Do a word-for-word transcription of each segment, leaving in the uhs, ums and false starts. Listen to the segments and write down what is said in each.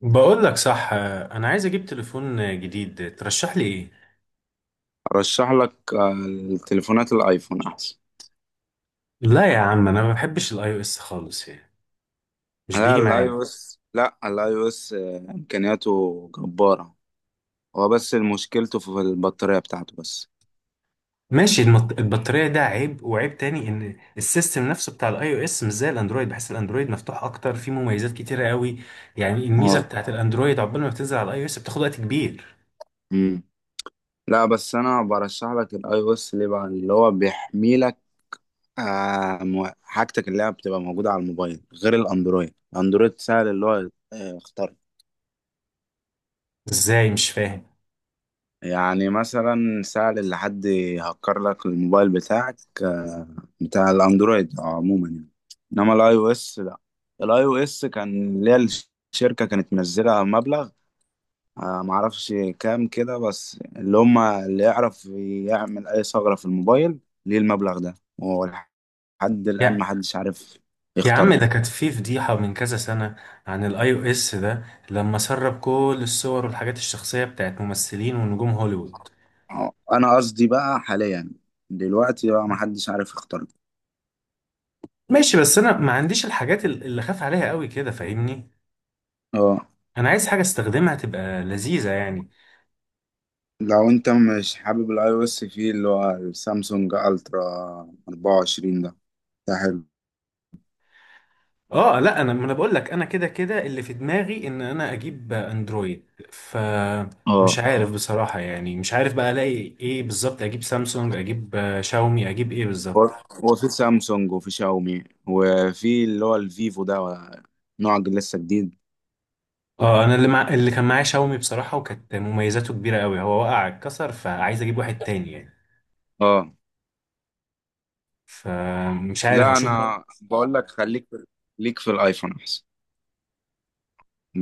بقول لك صح، انا عايز اجيب تليفون جديد، ترشح لي ايه؟ ارشح لك آه، التليفونات الايفون احسن. لا يا عم، انا ما بحبش الاي او اس خالص يعني. مش لا بيجي الاي او معايا. اس، لا الاي او اس آه، امكانياته جبارة. هو بس مشكلته في البطارية بتاعته بس. ماشي. المط- البطارية ده عيب، وعيب تاني ان السيستم نفسه بتاع الاي او اس مش زي الاندرويد. بحس الاندرويد مفتوح اكتر، فيه مميزات كتيرة قوي. يعني الميزة اه بتاعت الاندرويد عقبال ما بتنزل على الاي او اس بتاخد وقت كبير. امم لا بس انا برشح لك الاي او اس ليه؟ بقى اللي هو بيحمي لك آه، مو- حاجتك اللي هي بتبقى موجودة على الموبايل غير الاندرويد الاندرويد سهل اللي هو آه، يخترق. ازاي؟ مش فاهم. يعني مثلا سهل اللي حد يهكر لك الموبايل بتاعك، آه، بتاع الاندرويد آه، عموما يعني. انما الاي او اس لا. الاي او اس كان ليها، الشركه كانت منزله مبلغ، آه، معرفش كام كده، بس اللي هم اللي يعرف يعمل اي ثغره في الموبايل ليه المبلغ ده، وهو لحد الان يا محدش عارف يا عم ده يخترقه. كانت في فضيحة من كذا سنة عن الاي او اس ده، لما سرب كل الصور والحاجات الشخصية بتاعت ممثلين ونجوم هوليوود. آه، انا قصدي بقى حاليا، دلوقتي بقى محدش عارف يخترقه. ماشي، بس انا ما عنديش الحاجات ال- اللي خاف عليها قوي كده، فاهمني؟ اه انا عايز حاجه استخدمها تبقى لذيذه يعني. لو انت مش حابب الاي او اس، فيه اللي هو السامسونج الترا اربعة وعشرين ده ده حلو. اه لا، انا ما انا بقول لك انا كده كده اللي في دماغي ان انا اجيب اندرويد. ف مش اه. عارف بصراحه، يعني مش عارف بقى الاقي ايه بالظبط. اجيب سامسونج، اجيب آه، شاومي، اجيب ايه هو بالظبط؟ هو في سامسونج، وفي شاومي، وفي اللي هو الفيفو ده، نوع جديد- لسه جديد. اه، انا اللي مع... اللي كان معايا شاومي بصراحه، وكانت مميزاته كبيره قوي، هو وقع اتكسر، فعايز اجيب واحد تاني يعني. اه فمش عارف لا اشوف بقى. انا بقول لك، خليك في- ليك في الايفون احسن،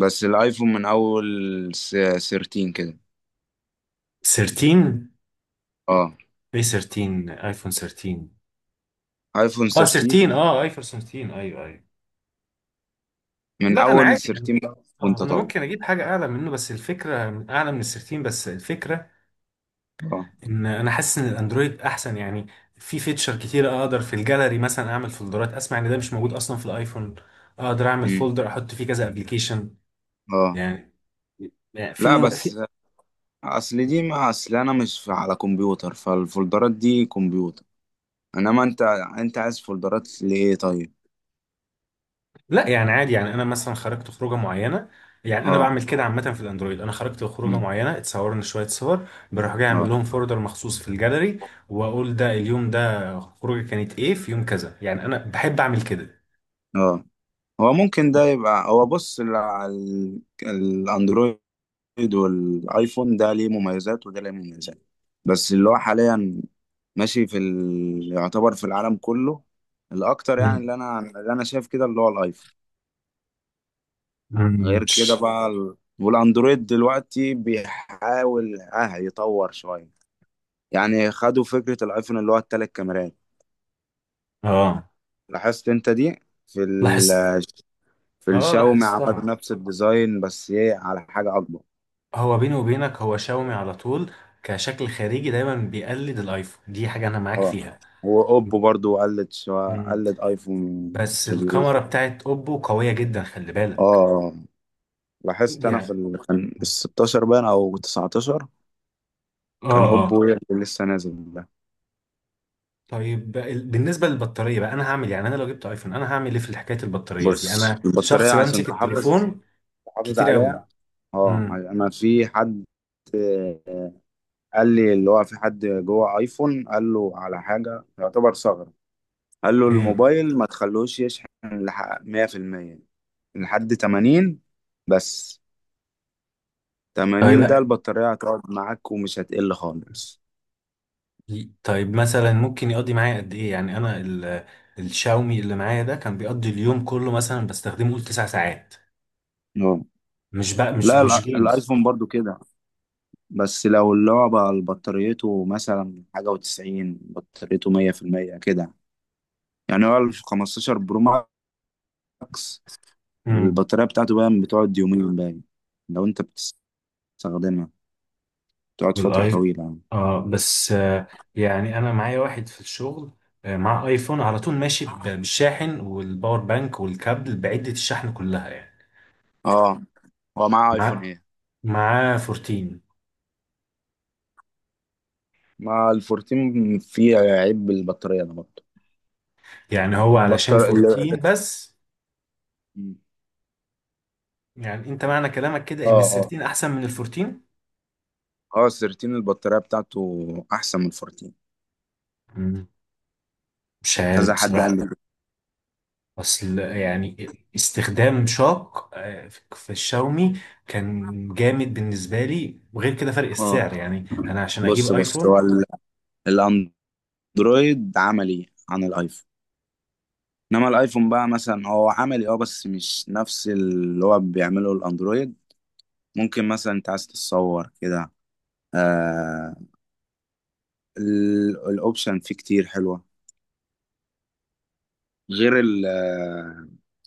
بس الايفون من اول س- تلتاشر كده. تلتاشر؟ اه ايه تلتاشر؟ ايفون تلتاشر؟ ايفون اه، تلتاشر. تلتاشر، اه ايفون تلتاشر، ايوه ايوه. من لا انا اول عادي يعني. تلتاشر بقى اه، وانت انا طالع. ممكن اجيب حاجه اعلى منه بس الفكره، اعلى من ال ثلاثة عشر بس الفكره، اه. ان انا حاسس ان الاندرويد احسن يعني. في فيتشر كتير اقدر في الجاليري مثلا اعمل فولدرات. اسمع ان ده مش موجود اصلا في الايفون. اقدر اعمل مم. فولدر احط فيه كذا ابلكيشن. اه. يعني، يعني في لا مم... في بس اصل دي ما اصل انا مش في- على كمبيوتر، فالفولدرات دي كمبيوتر، انما انت انت عايز فولدرات لايه طيب؟ لا يعني عادي يعني. انا مثلا خرجت خروجه معينه، يعني انا اه. بعمل كده عامه في الاندرويد، انا خرجت خروجه مم. معينه، اتصورنا شويه صور، بروح جاي اه. اعمل لهم فولدر مخصوص في الجاليري، واقول ده اليوم ده خروجه كانت ايه، في يوم كذا. يعني انا بحب اعمل كده. اه هو ممكن ده يبقى، هو بص، ال- ال- الاندرويد والايفون، ده ليه مميزات وده ليه مميزات، بس اللي هو حاليا ماشي في ال... يعتبر في العالم كله الاكتر، يعني مم. اللي انا اللي انا شايف كده اللي هو الايفون. مم. غير كده تش. بقى ال... والاندرويد دلوقتي بيحاول اه يطور شوية. يعني خدوا فكرة الايفون اللي هو التلات كاميرات، اه لاحظت انت دي في ال لاحظت. في اه الشاومي؟ عملوا لاحظتها. نفس الديزاين، بس ايه، على حاجة اكبر. هو بيني وبينك هو شاومي على طول كشكل خارجي دايما بيقلد الايفون، دي حاجه انا معاك اه فيها. واوبو برضو قلد، شو مم. قلد ايفون. بس في ال... الكاميرا بتاعت اوبو قويه جدا، خلي بالك. اه لاحظت انا في يعني ال... كان ال ستاشر باين او تسعة عشر، اه كان اه. اوبو هي اللي لسه نازل ده. طيب بقى ال- بالنسبة للبطارية بقى، أنا هعمل إيه؟ يعني أنا لو جبت أيفون أنا هعمل إيه في حكاية البطارية دي؟ بص، أنا البطارية شخص عشان بمسك تحافظ التليفون تحافظ كتير أوي. عليها. اه امم، انا في حد قال لي اللي هو في حد جوه ايفون، قال له على حاجة يعتبر ثغرة، قال له إيه؟ الموبايل ما تخلوش يشحن لح- مية في المية، لحد تمانين بس، طيب تمانين ده بقى، البطارية هتقعد معاك ومش هتقل خالص. طيب مثلا ممكن يقضي معايا قد إيه؟ يعني أنا ال... الشاومي اللي معايا ده كان بيقضي اليوم كله مثلا، بستخدمه قول تسع ساعات. اه مش بقى مش لا، مش الع- جيمز. الايفون برضو كده، بس لو اللي هو بقى بطاريته مثلا حاجة وتسعين، بطاريته مية في المية كده، يعني هو الخمستاشر برو ماكس، البطارية بتاعته بقى بتقعد يومين باين لو انت بتستخدمها، تقعد فترة بالاي طويلة يعني. اه بس آه يعني انا معايا واحد في الشغل آه مع ايفون على طول ماشي ب- بالشاحن والباور بانك والكابل بعدة الشحن كلها يعني. اه، هو معاه ايفون مع ايه؟ معاه اربعتاشر. مع ال14 فيه عيب البطارية ده برضه؟ يعني هو علشان البطارية ال- اربعتاشر بس؟ يعني انت معنى كلامك كده ان ال اه، اه، تلتاشر احسن من ال اربعتاشر؟ اه، تلتاشر البطارية بتاعته احسن من اربعتاشر، مم، مش عارف كذا حد بصراحة. قال لي كده. اصل يعني استخدام شاق آه، في الشاومي كان جامد بالنسبة لي، وغير كده فرق اه السعر يعني انا عشان اجيب بص، بص، ايفون. هو ال- الاندرويد عملي عن الايفون، انما الايفون بقى مثلا هو عملي، اه بس مش نفس اللي هو بيعمله الاندرويد. ممكن مثلا انت عايز تتصور كده، آه ال- الاوبشن فيه كتير حلوة، غير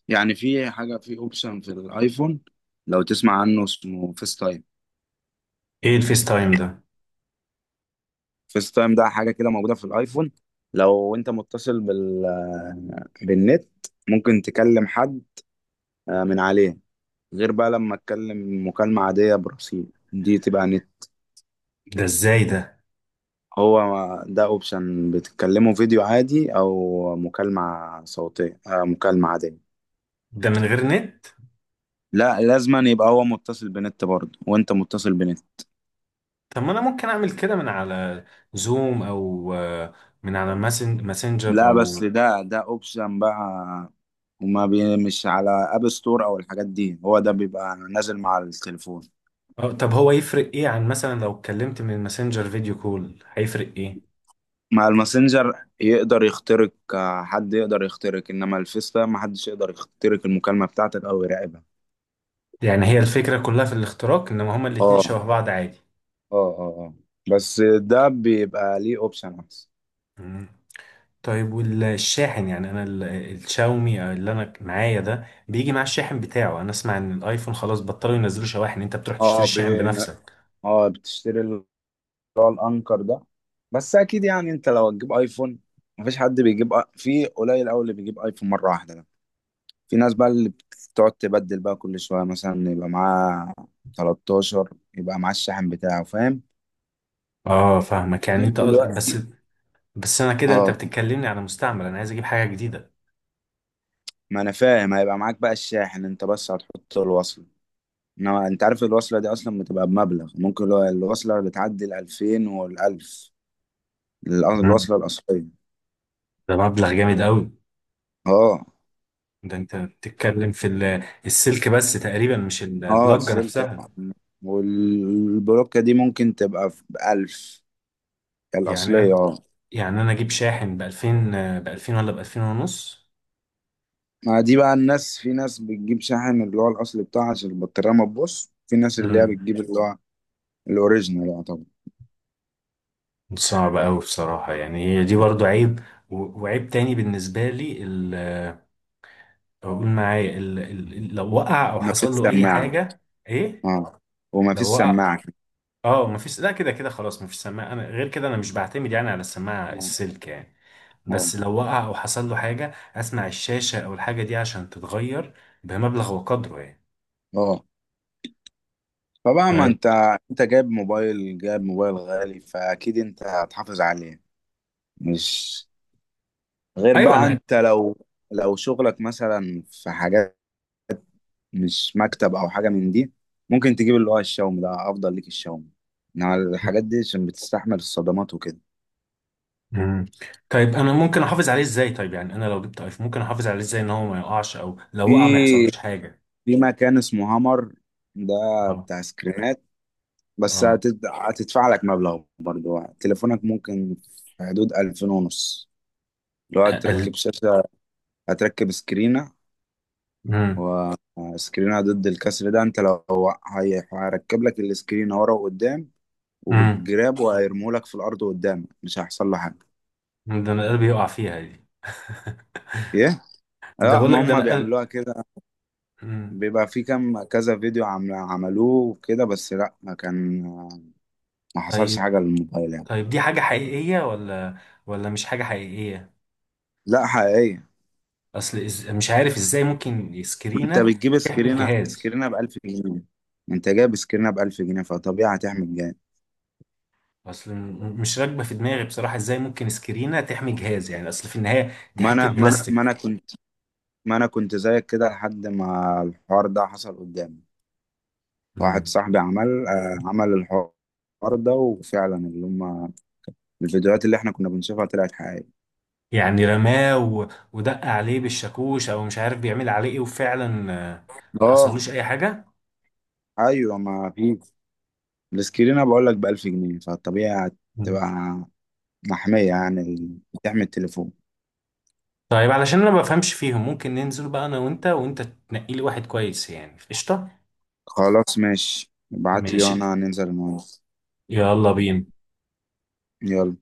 يعني في حاجة في اوبشن في الايفون، لو تسمع عنه اسمه فيس تايم. ايه الفيس تايم ده؟ فيس تايم ده حاجة كده موجودة في الايفون، لو انت متصل بال بالنت، ممكن تكلم حد آه، من عليه، غير بقى لما تكلم مكالمة عادية برصيد، دي تبقى نت. ده ازاي ده؟ هو ده اوبشن بتتكلمه فيديو عادي او مكالمة صوتية، آه، مكالمة عادية. ده من غير نت؟ لا، لازما يبقى هو متصل بنت برضه وانت متصل بنت. طب ما انا ممكن اعمل كده من على زوم، او آه، من على ماسن- ماسنجر، لا بس او ده ده اوبشن بقى، وما بي مش على اب ستور او الحاجات دي، هو ده بيبقى نازل مع التليفون. آه، طب هو يفرق ايه عن مثلا لو اتكلمت من ماسنجر فيديو كول، هيفرق ايه؟ مع الماسنجر يقدر يخترق، آه، حد يقدر يخترق، انما الفيس ده ما حدش يقدر يخترق المكالمة بتاعتك او يراقبها. يعني هي الفكرة كلها في الاختراق، انما هما الاتنين اه، شبه اه، بعض عادي. اه، اه، بس ده بيبقى ليه اوبشن احسن. مم. طيب والشاحن، يعني انا ال- الشاومي اللي انا معايا ده بيجي مع الشاحن بتاعه، انا اسمع ان الايفون خلاص بطلوا ينزلوا شواحن، انت بتروح تشتري اه. الشاحن بين بنفسك. اه بتشتري اللي هو الانكر ده، بس اكيد يعني انت لو هتجيب ايفون، مفيش حد بيجيب آ- في قليل قوي اللي بيجيب ايفون مرة واحدة، في ناس بقى اللي بتقعد تبدل بقى كل شوية، مثلا يبقى معاه ثلاثة عشر، يبقى معاه الشاحن بتاعه فاهم، اه فاهمك يعني غير انت بس، دلوقتي. بس انا كده انت اه بتتكلمني على مستعمل، انا عايز اجيب حاجه جديده. ما انا فاهم، هيبقى معاك بقى الشاحن انت، بس هتحط الوصلة، انما انت عارف الوصلة دي اصلا بتبقى بمبلغ، ممكن لو الوصلة بتعدي ال الفين وال ألف، مم. الوصلة الأصلية. ده مبلغ جامد قوي. اه. ده انت بتتكلم في ال- السلك بس تقريبا، مش اه، البلاجة السلك، نفسها. اه. والبلوكة دي ممكن تبقى ب ألف يعني الأصلية، أنا- اه. يعني انا اجيب شاحن ب ألفين؟ ب ألفين ولا ب ألفين ونص؟ ما دي بقى الناس، في ناس بتجيب شاحن اللي هو الاصلي بتاعها عشان البطاريه ما تبوظ، في ناس اللي هي امم، بتجيب اللي هو الاوريجينال بقى طبعا. صعب قوي بصراحة. يعني هي دي آه. برضو عيب، و- وعيب تاني بالنسبة لي ال- اقول معايا ال- ال- لو وقع او ما فيش حصل له اي سماعه. حاجة. ايه؟ اه، وما فيش لو وقع؟ سماعه. اه مفيش، لا كده كده خلاص مفيش سماعة، انا غير كده انا مش بعتمد يعني على السماعة اه، السلك يعني. اه. بس لو وقع او حصل له حاجه، اسمع الشاشه او الحاجه دي عشان تتغير بمبلغ وقدره يعني. آه. فبقى ما طيب، انت انت جايب موبايل، جايب موبايل غالي، فاكيد انت هتحافظ عليه، مش؟ غير ايوه بقى انا. انت لو لو شغلك مثلا في حاجات مش مكتب او حاجه من دي، ممكن تجيب اللي هو الشاومي، ده افضل ليك، الشاومي انما الحاجات دي عشان بتستحمل الصدمات وكده. مم. طيب انا ممكن احافظ عليه ازاي؟ طيب يعني انا لو جبت ايفون ممكن احافظ عليه ازاي ان هو ما يقعش، او لو في وقع ما يحصلوش حاجه؟ في مكان اسمه هامر، ده اه، بتاع سكرينات، بس اه، هتد- هتدفع لك مبلغ برضه، تليفونك ممكن في حدود ألفين ونص، لو هتركب اقل. شاشة، هتركب سكرينة، امم. وسكرينة ضد الكسر ده انت لو، هي- هيركب لك السكرينة ورا وقدام، امم، وبالجراب، وهيرموا لك في الأرض قدام، مش هيحصل له حاجة. ده انا قلبي يقع فيها دي. ايه؟ ده لا، بقول ما لك ده هم انا قلب. بيعملوها كده، مم. بيبقى في كم كذا فيديو عم- عملوه كده، بس لا ما كان، ما حصلش طيب، حاجة للموبايل يعني. طيب دي حاجه حقيقيه ولا ولا مش حاجه حقيقيه؟ لا، حقيقية. اصل إز... مش عارف ازاي ممكن ما انت سكرينه بتجيب تحمي سكرينة الجهاز. سكرينة ب ألف جنيه، ما انت جايب سكرينة ب ألف جنيه، فطبيعي هتحمل جامد. اصل م- مش راكبه في دماغي بصراحه، ازاي ممكن سكرينه تحمي جهاز؟ يعني اصل في النهايه دي ما حته انا ما انا بلاستيك. ما انا كنت ما انا كنت زيك كده لحد ما الحوار ده حصل قدامي، واحد مم. صاحبي عمل آه عمل الحوار ده، وفعلا اللي هم الفيديوهات اللي احنا كنا بنشوفها طلعت حقيقية. يعني رماه و- ودق عليه بالشاكوش، او مش عارف بيعمل عليه ايه، وفعلا آه، ما اه، حصلوش اي حاجه. ايوه، ما في السكرينة بقول لك ب ألف جنيه، فالطبيعي هتبقى مم. محمية، يعني بتحمي التليفون. طيب علشان انا ما بفهمش فيهم، ممكن ننزل بقى انا وانت وانت تنقي لي واحد كويس؟ يعني قشطه. خلاص ماشي، ابعت لي ماشي. وانا ننزل النهارده. يلا بينا. يلا.